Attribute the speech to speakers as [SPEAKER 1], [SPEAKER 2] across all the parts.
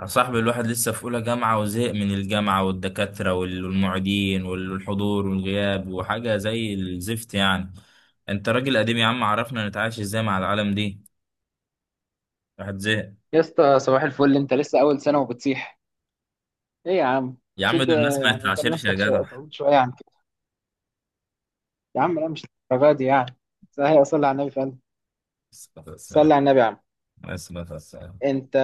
[SPEAKER 1] يا صاحبي الواحد لسه في أولى جامعة وزهق من الجامعة والدكاترة والمعيدين والحضور والغياب وحاجة زي الزفت يعني. أنت راجل قديم يا عم، عرفنا نتعايش إزاي مع العالم دي. الواحد زهق.
[SPEAKER 2] يا اسطى صباح الفل، انت لسه اول سنه وبتصيح؟ ايه يا عم؟
[SPEAKER 1] يا عم
[SPEAKER 2] شد.
[SPEAKER 1] دول الناس ما
[SPEAKER 2] يعني كان
[SPEAKER 1] يتعاشرش يا
[SPEAKER 2] نفسك
[SPEAKER 1] جدع.
[SPEAKER 2] تعود شويه عن كده؟ يا عم لا، مش الدرجه دي يعني. صحيح، صلي على النبي فعلا.
[SPEAKER 1] الصلاة والسلام
[SPEAKER 2] صلي على النبي يا عم.
[SPEAKER 1] عليه الصلاة والسلام.
[SPEAKER 2] انت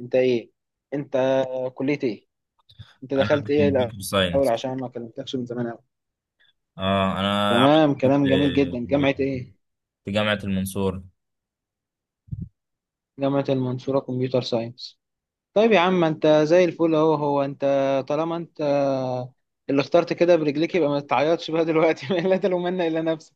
[SPEAKER 2] انت ايه؟ انت كليه ايه؟ انت دخلت
[SPEAKER 1] أنا
[SPEAKER 2] ايه
[SPEAKER 1] كمبيوتر
[SPEAKER 2] الاول؟
[SPEAKER 1] ساينس.
[SPEAKER 2] عشان ما كلمتكش من زمان قوي.
[SPEAKER 1] أه أنا يا عم
[SPEAKER 2] تمام،
[SPEAKER 1] كنت
[SPEAKER 2] كلام جميل جدا.
[SPEAKER 1] في
[SPEAKER 2] جامعه ايه؟
[SPEAKER 1] جامعة المنصورة.
[SPEAKER 2] جامعه المنصوره كمبيوتر ساينس. طيب يا عم، انت زي الفل اهو. انت طالما انت اللي اخترت كده برجليك، يبقى ما تعيطش بقى دلوقتي لا تلومن الا نفسك.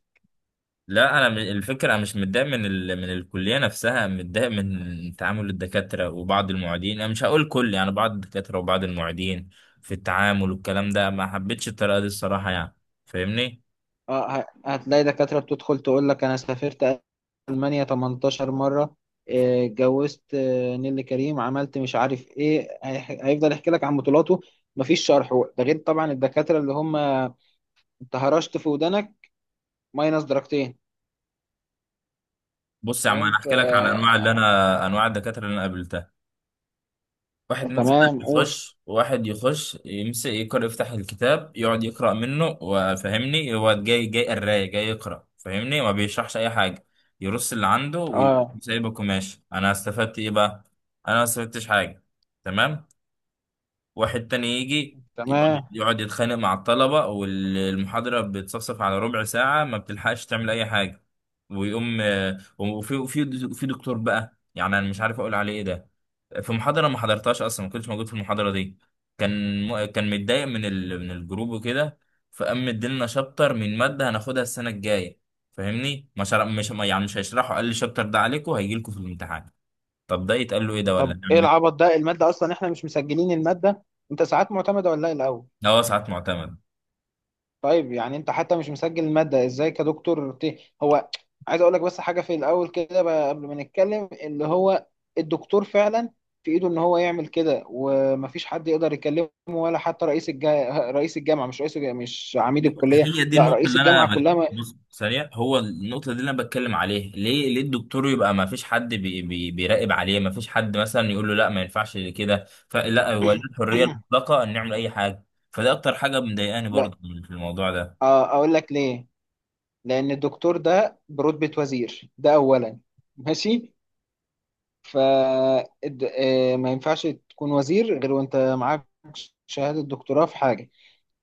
[SPEAKER 1] لا انا الفكره انا مش متضايق من من الكليه نفسها، متضايق من تعامل الدكاتره وبعض المعيدين، انا مش هقول كل يعني بعض الدكاتره وبعض المعيدين في التعامل والكلام ده. ما حبيتش الطريقه دي الصراحه يعني، فاهمني؟
[SPEAKER 2] هتلاقي دكاترة بتدخل تقول لك: أنا سافرت ألمانيا 18 مرة، اتجوزت، نيللي كريم عملت مش عارف إيه. هيفضل يحكي لك عن بطولاته. مفيش شرح. ده غير طبعا الدكاترة اللي هم، أنت هرشت في ودانك، ماينس درجتين.
[SPEAKER 1] بص يا عم
[SPEAKER 2] فاهم؟
[SPEAKER 1] انا
[SPEAKER 2] ف
[SPEAKER 1] احكي لك على انواع اللي انا انواع الدكاتره اللي انا قابلتها. واحد مثلا
[SPEAKER 2] تمام قول.
[SPEAKER 1] يخش، واحد يخش يمسك يقرأ، يفتح الكتاب يقعد يقرأ منه وفهمني، هو جاي جاي قراية جاي يقرأ فاهمني، ما بيشرحش أي حاجة. يرص اللي عنده
[SPEAKER 2] اه
[SPEAKER 1] ويسيبك وماشي. أنا استفدت إيه بقى؟ أنا ما استفدتش حاجة. تمام. واحد تاني يجي يقعد
[SPEAKER 2] تمام.
[SPEAKER 1] يقعد يتخانق مع الطلبة، والمحاضرة بتصفصف على ربع ساعة، ما بتلحقش تعمل أي حاجة. ويقوم وفي في دكتور بقى يعني أنا مش عارف أقول عليه إيه ده. في محاضرة ما حضرتهاش أصلا، ما كنتش موجود في المحاضرة دي. كان متضايق من من الجروب وكده، فقام مديلنا شابتر من مادة هناخدها السنة الجاية. فاهمني؟ ما شرح... مش ما- يعني مش هيشرحوا، قال لي الشابتر ده عليكم هيجي لكم في الامتحان. طب ده يتقال له ايه ده، ولا
[SPEAKER 2] طب
[SPEAKER 1] نعمل
[SPEAKER 2] إيه
[SPEAKER 1] ايه؟
[SPEAKER 2] العبط ده؟ المادة أصلا إحنا مش مسجلين المادة. أنت ساعات معتمدة ولا إيه الأول؟
[SPEAKER 1] ده هو ساعات معتمد.
[SPEAKER 2] طيب يعني انت حتى مش مسجل المادة، ازاي كدكتور هو عايز اقول لك بس حاجة في الاول كده بقى قبل ما نتكلم. اللي هو الدكتور فعلا في ايده ان هو يعمل كده، ومفيش حد يقدر يكلمه، ولا حتى رئيس الجامعة. مش رئيس الجامعة، مش عميد الكلية،
[SPEAKER 1] هي دي
[SPEAKER 2] لا
[SPEAKER 1] النقطة
[SPEAKER 2] رئيس
[SPEAKER 1] اللي
[SPEAKER 2] الجامعة
[SPEAKER 1] أنا
[SPEAKER 2] كلها ما...
[SPEAKER 1] بص سريع، هو النقطة دي اللي أنا بتكلم عليها، ليه؟ ليه الدكتور يبقى ما فيش حد بيراقب عليه؟ ما فيش حد مثلا يقول له لا، ما ينفعش كده؟ فلا، هو ليه الحرية المطلقة إن نعمل أي حاجة. فده أكتر حاجة مضايقاني
[SPEAKER 2] لا.
[SPEAKER 1] برضه في الموضوع ده.
[SPEAKER 2] اه، اقول لك ليه. لان الدكتور ده برتبة وزير، ده اولا. ماشي. ف ما ينفعش تكون وزير غير وانت معاك شهادة دكتوراه في حاجة.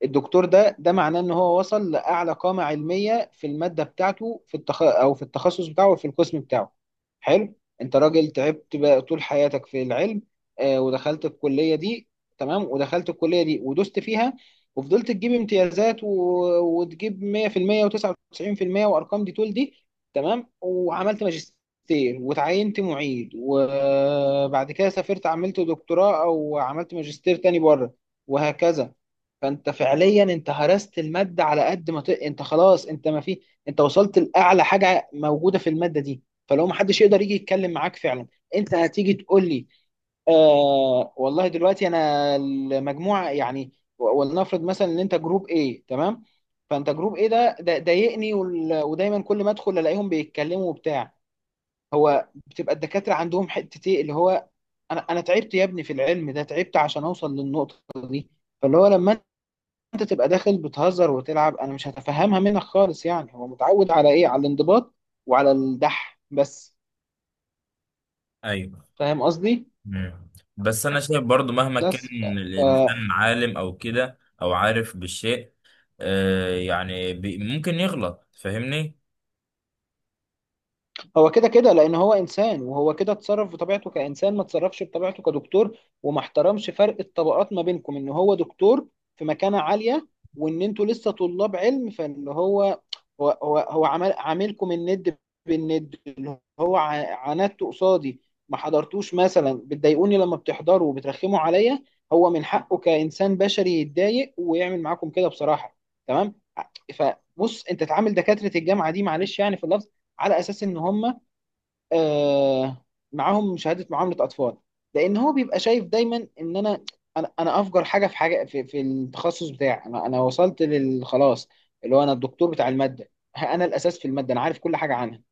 [SPEAKER 2] الدكتور ده معناه ان هو وصل لاعلى قامه علميه في الماده بتاعته، في او في التخصص بتاعه وفي القسم بتاعه. حلو. انت راجل تعبت بقى طول حياتك في العلم، آه، ودخلت الكليه دي. تمام، ودخلت الكليه دي ودوست فيها، وفضلت تجيب امتيازات وتجيب 100% و99% وارقام دي طول دي. تمام، وعملت ماجستير، وتعينت معيد، وبعد كده سافرت عملت دكتوراه، او عملت ماجستير تاني بره، وهكذا. فانت فعليا انت هرست الماده على قد ما انت خلاص، انت ما في، انت وصلت لاعلى حاجه موجوده في الماده دي. فلو ما حدش يقدر يجي يتكلم معاك فعلا. انت هتيجي تقول لي: آه والله دلوقتي انا المجموعه يعني. ولنفرض مثلا ان انت جروب ايه تمام. فانت جروب ايه ده ضايقني ودايما كل ما ادخل الاقيهم بيتكلموا وبتاع. هو بتبقى الدكاتره عندهم حته ايه اللي هو: انا تعبت يا ابني في العلم ده، تعبت عشان اوصل للنقطه دي. فاللي هو لما انت تبقى داخل بتهزر وتلعب، انا مش هتفهمها منك خالص. يعني هو متعود على ايه؟ على الانضباط وعلى الدح بس.
[SPEAKER 1] أيوه.
[SPEAKER 2] فاهم قصدي؟
[SPEAKER 1] مم. بس أنا شايف برضه، مهما كان
[SPEAKER 2] بس
[SPEAKER 1] الإنسان عالم أو كده أو عارف بالشيء، ممكن يغلط، فاهمني؟
[SPEAKER 2] هو كده كده، لان هو انسان، وهو كده اتصرف بطبيعته كانسان، ما اتصرفش بطبيعته كدكتور، وما احترمش فرق الطبقات ما بينكم ان هو دكتور في مكانة عالية، وان انتوا لسه طلاب علم. فاللي هو هو عمل عاملكم الند بالند. اللي هو عاندته قصادي، ما حضرتوش مثلا، بتضايقوني لما بتحضروا وبترخموا عليا. هو من حقه كانسان بشري يتضايق ويعمل معاكم كده بصراحة. تمام. فبص، انت تعامل دكاترة الجامعة دي، معلش يعني في اللفظ، على اساس ان هم، آه، معاهم شهاده، معامله اطفال. لان هو بيبقى شايف دايما ان انا، انا افجر حاجه في حاجه في التخصص بتاعي. انا وصلت لل خلاص. اللي هو انا الدكتور بتاع الماده. ها، انا الاساس في الماده، انا عارف كل حاجه عنها.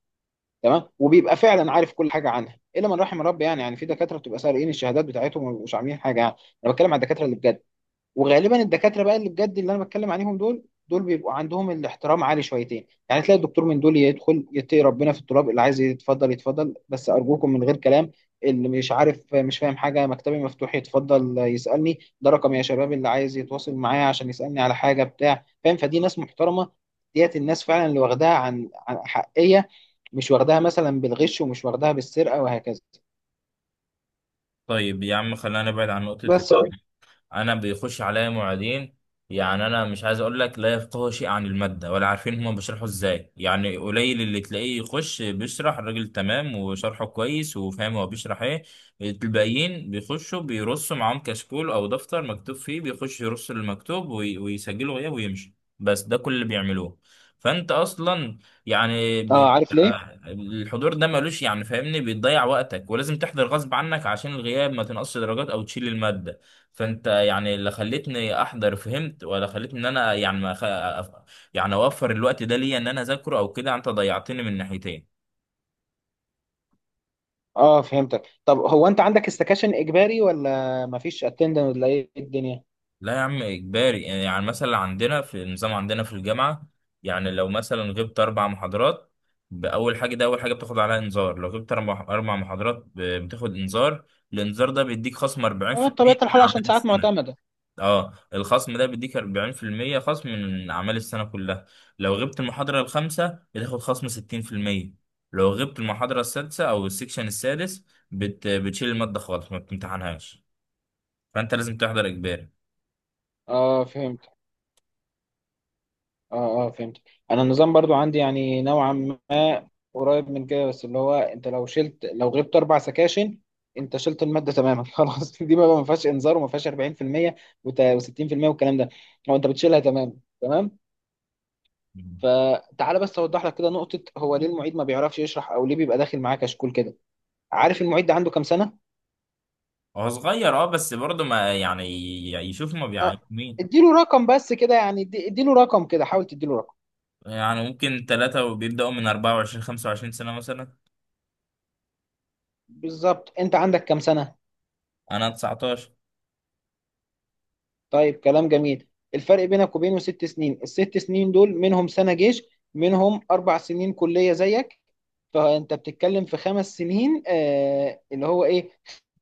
[SPEAKER 2] تمام. وبيبقى فعلا عارف كل حاجه عنها الا من رحم ربي. يعني يعني في دكاتره بتبقى سارقين الشهادات بتاعتهم، ومش عاملين حاجه يعني. انا بتكلم على الدكاتره اللي بجد. وغالبا الدكاتره بقى اللي بجد، اللي انا بتكلم عليهم دول، بيبقوا عندهم الاحترام عالي شويتين. يعني تلاقي الدكتور من دول يدخل يتقي ربنا في التراب. اللي عايز يتفضل يتفضل، بس ارجوكم من غير كلام. اللي مش عارف، مش فاهم حاجه، مكتبي مفتوح، يتفضل يسالني. ده رقم يا شباب، اللي عايز يتواصل معايا عشان يسالني على حاجه بتاع، فاهم؟ فدي ناس محترمه. ديت الناس فعلا اللي واخداها عن عن حقيه، مش واخداها مثلا بالغش، ومش واخداها بالسرقه، وهكذا.
[SPEAKER 1] طيب يا عم خلينا نبعد عن نقطة.
[SPEAKER 2] بس.
[SPEAKER 1] انا بيخش عليا معيدين، يعني انا مش عايز اقول لك لا يفقهوا شيء عن الماده ولا عارفين هما بيشرحوا ازاي، يعني قليل اللي تلاقيه يخش بيشرح الراجل تمام وشرحه كويس وفاهم هو بيشرح ايه. الباقيين بيخشوا بيرصوا معاهم كشكول او دفتر مكتوب فيه، بيخش يرص المكتوب ويسجله غياب ويمشي، بس ده كل اللي بيعملوه. فانت اصلا يعني ب...
[SPEAKER 2] اه، عارف ليه؟
[SPEAKER 1] الحضور ده ملوش يعني فاهمني، بيضيع وقتك ولازم تحضر غصب عنك عشان الغياب ما تنقصش درجات او تشيل الماده. فانت يعني اللي خلتني احضر فهمت، ولا خلتني ان انا يعني ما خ... يعني اوفر الوقت ده ليا ان انا اذاكره او كده. انت ضيعتني من ناحيتين.
[SPEAKER 2] اه فهمتك. طب هو انت عندك استكاشن اجباري ولا مفيش اتندنس، ولا ايه الدنيا؟
[SPEAKER 1] لا يا عم اجباري، يعني مثلا عندنا في النظام عندنا في الجامعه، يعني لو مثلا غبت اربع محاضرات، باول حاجه ده اول حاجه بتاخد عليها انذار. لو غبت اربع، محاضرات بتاخد انذار. الانذار ده بيديك خصم
[SPEAKER 2] اه،
[SPEAKER 1] 40%
[SPEAKER 2] بطبيعه
[SPEAKER 1] من
[SPEAKER 2] الحال عشان
[SPEAKER 1] اعمال
[SPEAKER 2] ساعات
[SPEAKER 1] السنه.
[SPEAKER 2] معتمده.
[SPEAKER 1] اه الخصم ده بيديك 40% خصم من اعمال السنه كلها. لو غبت المحاضره الخامسه بتاخد خصم 60%. لو غبت المحاضره السادسه او السكشن السادس بتشيل الماده خالص ما بتمتحنهاش. فانت لازم تحضر اجباري.
[SPEAKER 2] اه فهمت. اه فهمت. انا النظام برضو عندي يعني نوعا ما قريب من كده. بس اللي هو انت لو لو غبت اربع سكاشن، انت شلت الماده تماما خلاص، دي بقى ما فيهاش انذار وما فيهاش 40% و60% والكلام ده. هو انت بتشيلها تمام تمام. فتعالى بس اوضح لك كده نقطه: هو ليه المعيد ما بيعرفش يشرح، او ليه بيبقى داخل معاه كشكول كده؟ عارف المعيد ده عنده كام سنه؟
[SPEAKER 1] هو صغير اه، بس برضه ما يعني، يشوف ما
[SPEAKER 2] آه،
[SPEAKER 1] بيعين مين.
[SPEAKER 2] اديله رقم بس كده يعني، اديله رقم كده، حاول تديله رقم.
[SPEAKER 1] يعني ممكن ثلاثة وبيبدأوا من 24 25 سنة مثلا.
[SPEAKER 2] بالظبط، انت عندك كام سنة؟
[SPEAKER 1] أنا 19.
[SPEAKER 2] طيب كلام جميل. الفرق بينك وبينه 6 سنين. الـ6 سنين دول منهم سنة جيش، منهم 4 سنين كلية زيك. فانت بتتكلم في 5 سنين، آه، اللي هو ايه؟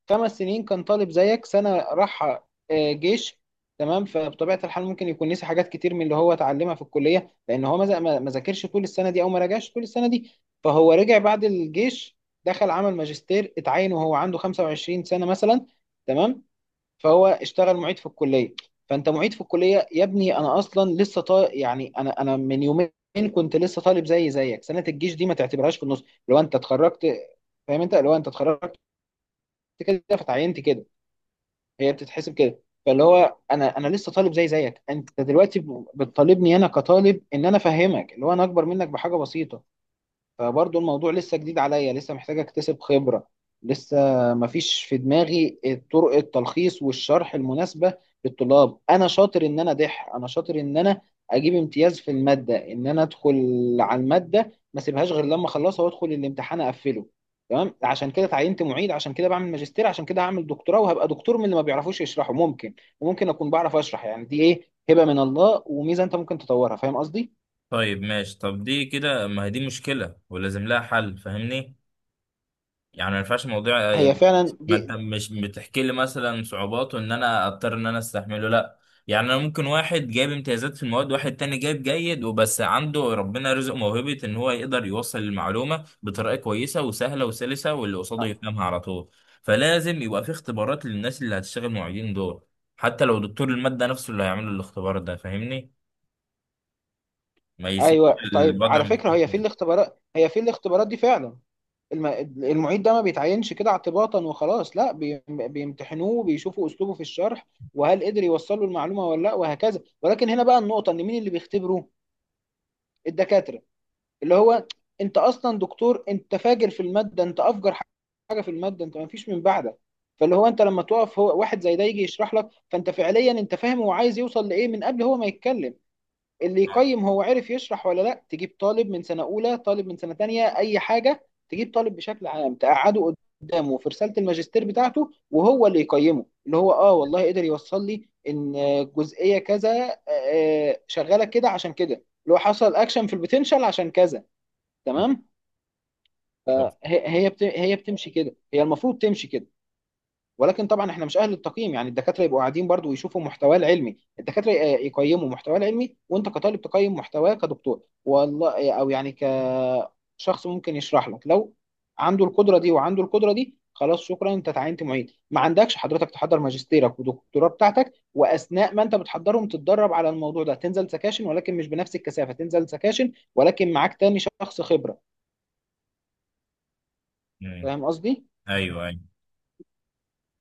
[SPEAKER 2] 5 سنين كان طالب زيك، سنه راح، آه، جيش. تمام. فبطبيعه الحال ممكن يكون نسي حاجات كتير من اللي هو اتعلمها في الكليه، لان هو ما ذا- ما- ما ذاكرش طول السنه دي، او ما راجعش طول السنه دي. فهو رجع بعد الجيش، دخل عمل ماجستير، اتعين وهو عنده 25 سنه مثلا. تمام. فهو اشتغل معيد في الكليه. فانت معيد في الكليه يا ابني، انا اصلا لسه يعني انا من يومين كنت لسه طالب زي زيك. سنه الجيش دي ما تعتبرهاش، في النص لو انت اتخرجت، فاهم؟ انت لو انت اتخرجت كده فتعينت كده، هي بتتحسب كده. فاللي هو انا لسه طالب زي زيك. انت دلوقتي بتطالبني انا كطالب ان انا افهمك، اللي هو انا اكبر منك بحاجه بسيطه. فبرضه الموضوع لسه جديد عليا، لسه محتاج اكتسب خبرة، لسه مفيش في دماغي طرق التلخيص والشرح المناسبة للطلاب. انا شاطر ان انا دح، انا شاطر ان انا اجيب امتياز في المادة، ان انا ادخل على المادة ما سيبهاش غير لما اخلصها، وادخل الامتحان اقفله. تمام. عشان كده اتعينت معيد، عشان كده بعمل ماجستير، عشان كده هعمل دكتوراه، وهبقى دكتور من اللي ما بيعرفوش يشرحوا، ممكن. وممكن اكون بعرف اشرح. يعني دي ايه؟ هبة من الله وميزة، انت ممكن تطورها. فاهم قصدي؟
[SPEAKER 1] طيب ماشي، طب دي كده ما هي دي مشكلة ولازم لها حل فاهمني. يعني ما ينفعش موضوع،
[SPEAKER 2] هي فعلا
[SPEAKER 1] ما انت
[SPEAKER 2] دي.
[SPEAKER 1] مش بتحكي لي مثلا صعوباته ان انا اضطر ان انا استحمله، لا. يعني انا ممكن واحد جايب امتيازات في المواد، واحد تاني جايب جيد وبس عنده ربنا رزق موهبة ان هو يقدر يوصل المعلومة بطريقة كويسة وسهلة وسلسة واللي قصاده يفهمها على طول. فلازم يبقى في اختبارات للناس اللي هتشتغل معيدين دول، حتى لو دكتور المادة نفسه اللي هيعمل الاختبار ده فاهمني، ما يسيبش
[SPEAKER 2] ايوه. طيب
[SPEAKER 1] الوضع
[SPEAKER 2] على
[SPEAKER 1] من
[SPEAKER 2] فكره، هي في الاختبارات دي فعلا الم... المعيد ده ما بيتعينش كده اعتباطا وخلاص، لا، بيمتحنوه، بيشوفوا اسلوبه في الشرح وهل قدر يوصل له المعلومه ولا لا، وهكذا. ولكن هنا بقى النقطه ان مين اللي بيختبره؟ الدكاتره. اللي هو انت اصلا دكتور، انت فاجر في الماده، انت افجر حاجه في الماده، انت ما فيش من بعدك. فاللي هو انت لما تقف هو، واحد زي ده يجي يشرح لك، فانت فعليا انت فاهم هو عايز يوصل لايه من قبل هو ما يتكلم. اللي يقيم هو عرف يشرح ولا لا، تجيب طالب من سنة أولى، طالب من سنة تانية، أي حاجة، تجيب طالب بشكل عام تقعده قدامه في رسالة الماجستير بتاعته، وهو اللي يقيمه، اللي هو: اه والله قدر يوصل لي ان جزئية كذا، آه، شغالة كده عشان كده، اللي هو حصل اكشن في البوتنشال عشان كذا. تمام. هي بتمشي كده، هي المفروض تمشي كده. ولكن طبعا احنا مش اهل التقييم. يعني الدكاتره يبقوا قاعدين برضو ويشوفوا محتواه العلمي، الدكاتره يقيموا محتواه العلمي، وانت كطالب تقيم محتواه كدكتور والله، آه، او يعني كشخص ممكن يشرح لك لو عنده القدره دي. وعنده القدره دي خلاص، شكرا، انت تعينت معيد، ما عندكش حضرتك، تحضر ماجستيرك ودكتوراه بتاعتك، واثناء ما انت بتحضرهم تتدرب على الموضوع ده، تنزل سكاشن ولكن مش بنفس الكثافه، تنزل سكاشن ولكن معاك تاني شخص خبره.
[SPEAKER 1] ايوه
[SPEAKER 2] فاهم قصدي؟
[SPEAKER 1] ايوه.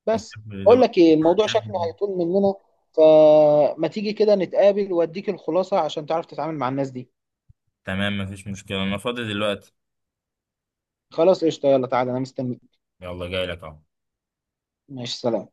[SPEAKER 2] بس. اقول لك ايه، الموضوع شكله هيطول مننا، فما تيجي كده نتقابل واديك الخلاصة، عشان تعرف تتعامل مع الناس دي.
[SPEAKER 1] تمام مفيش مشكلة، انا فاضي دلوقتي.
[SPEAKER 2] خلاص قشطة، يلا تعالى انا مستني.
[SPEAKER 1] يلا جاي لك اهو.
[SPEAKER 2] ماشي، سلام.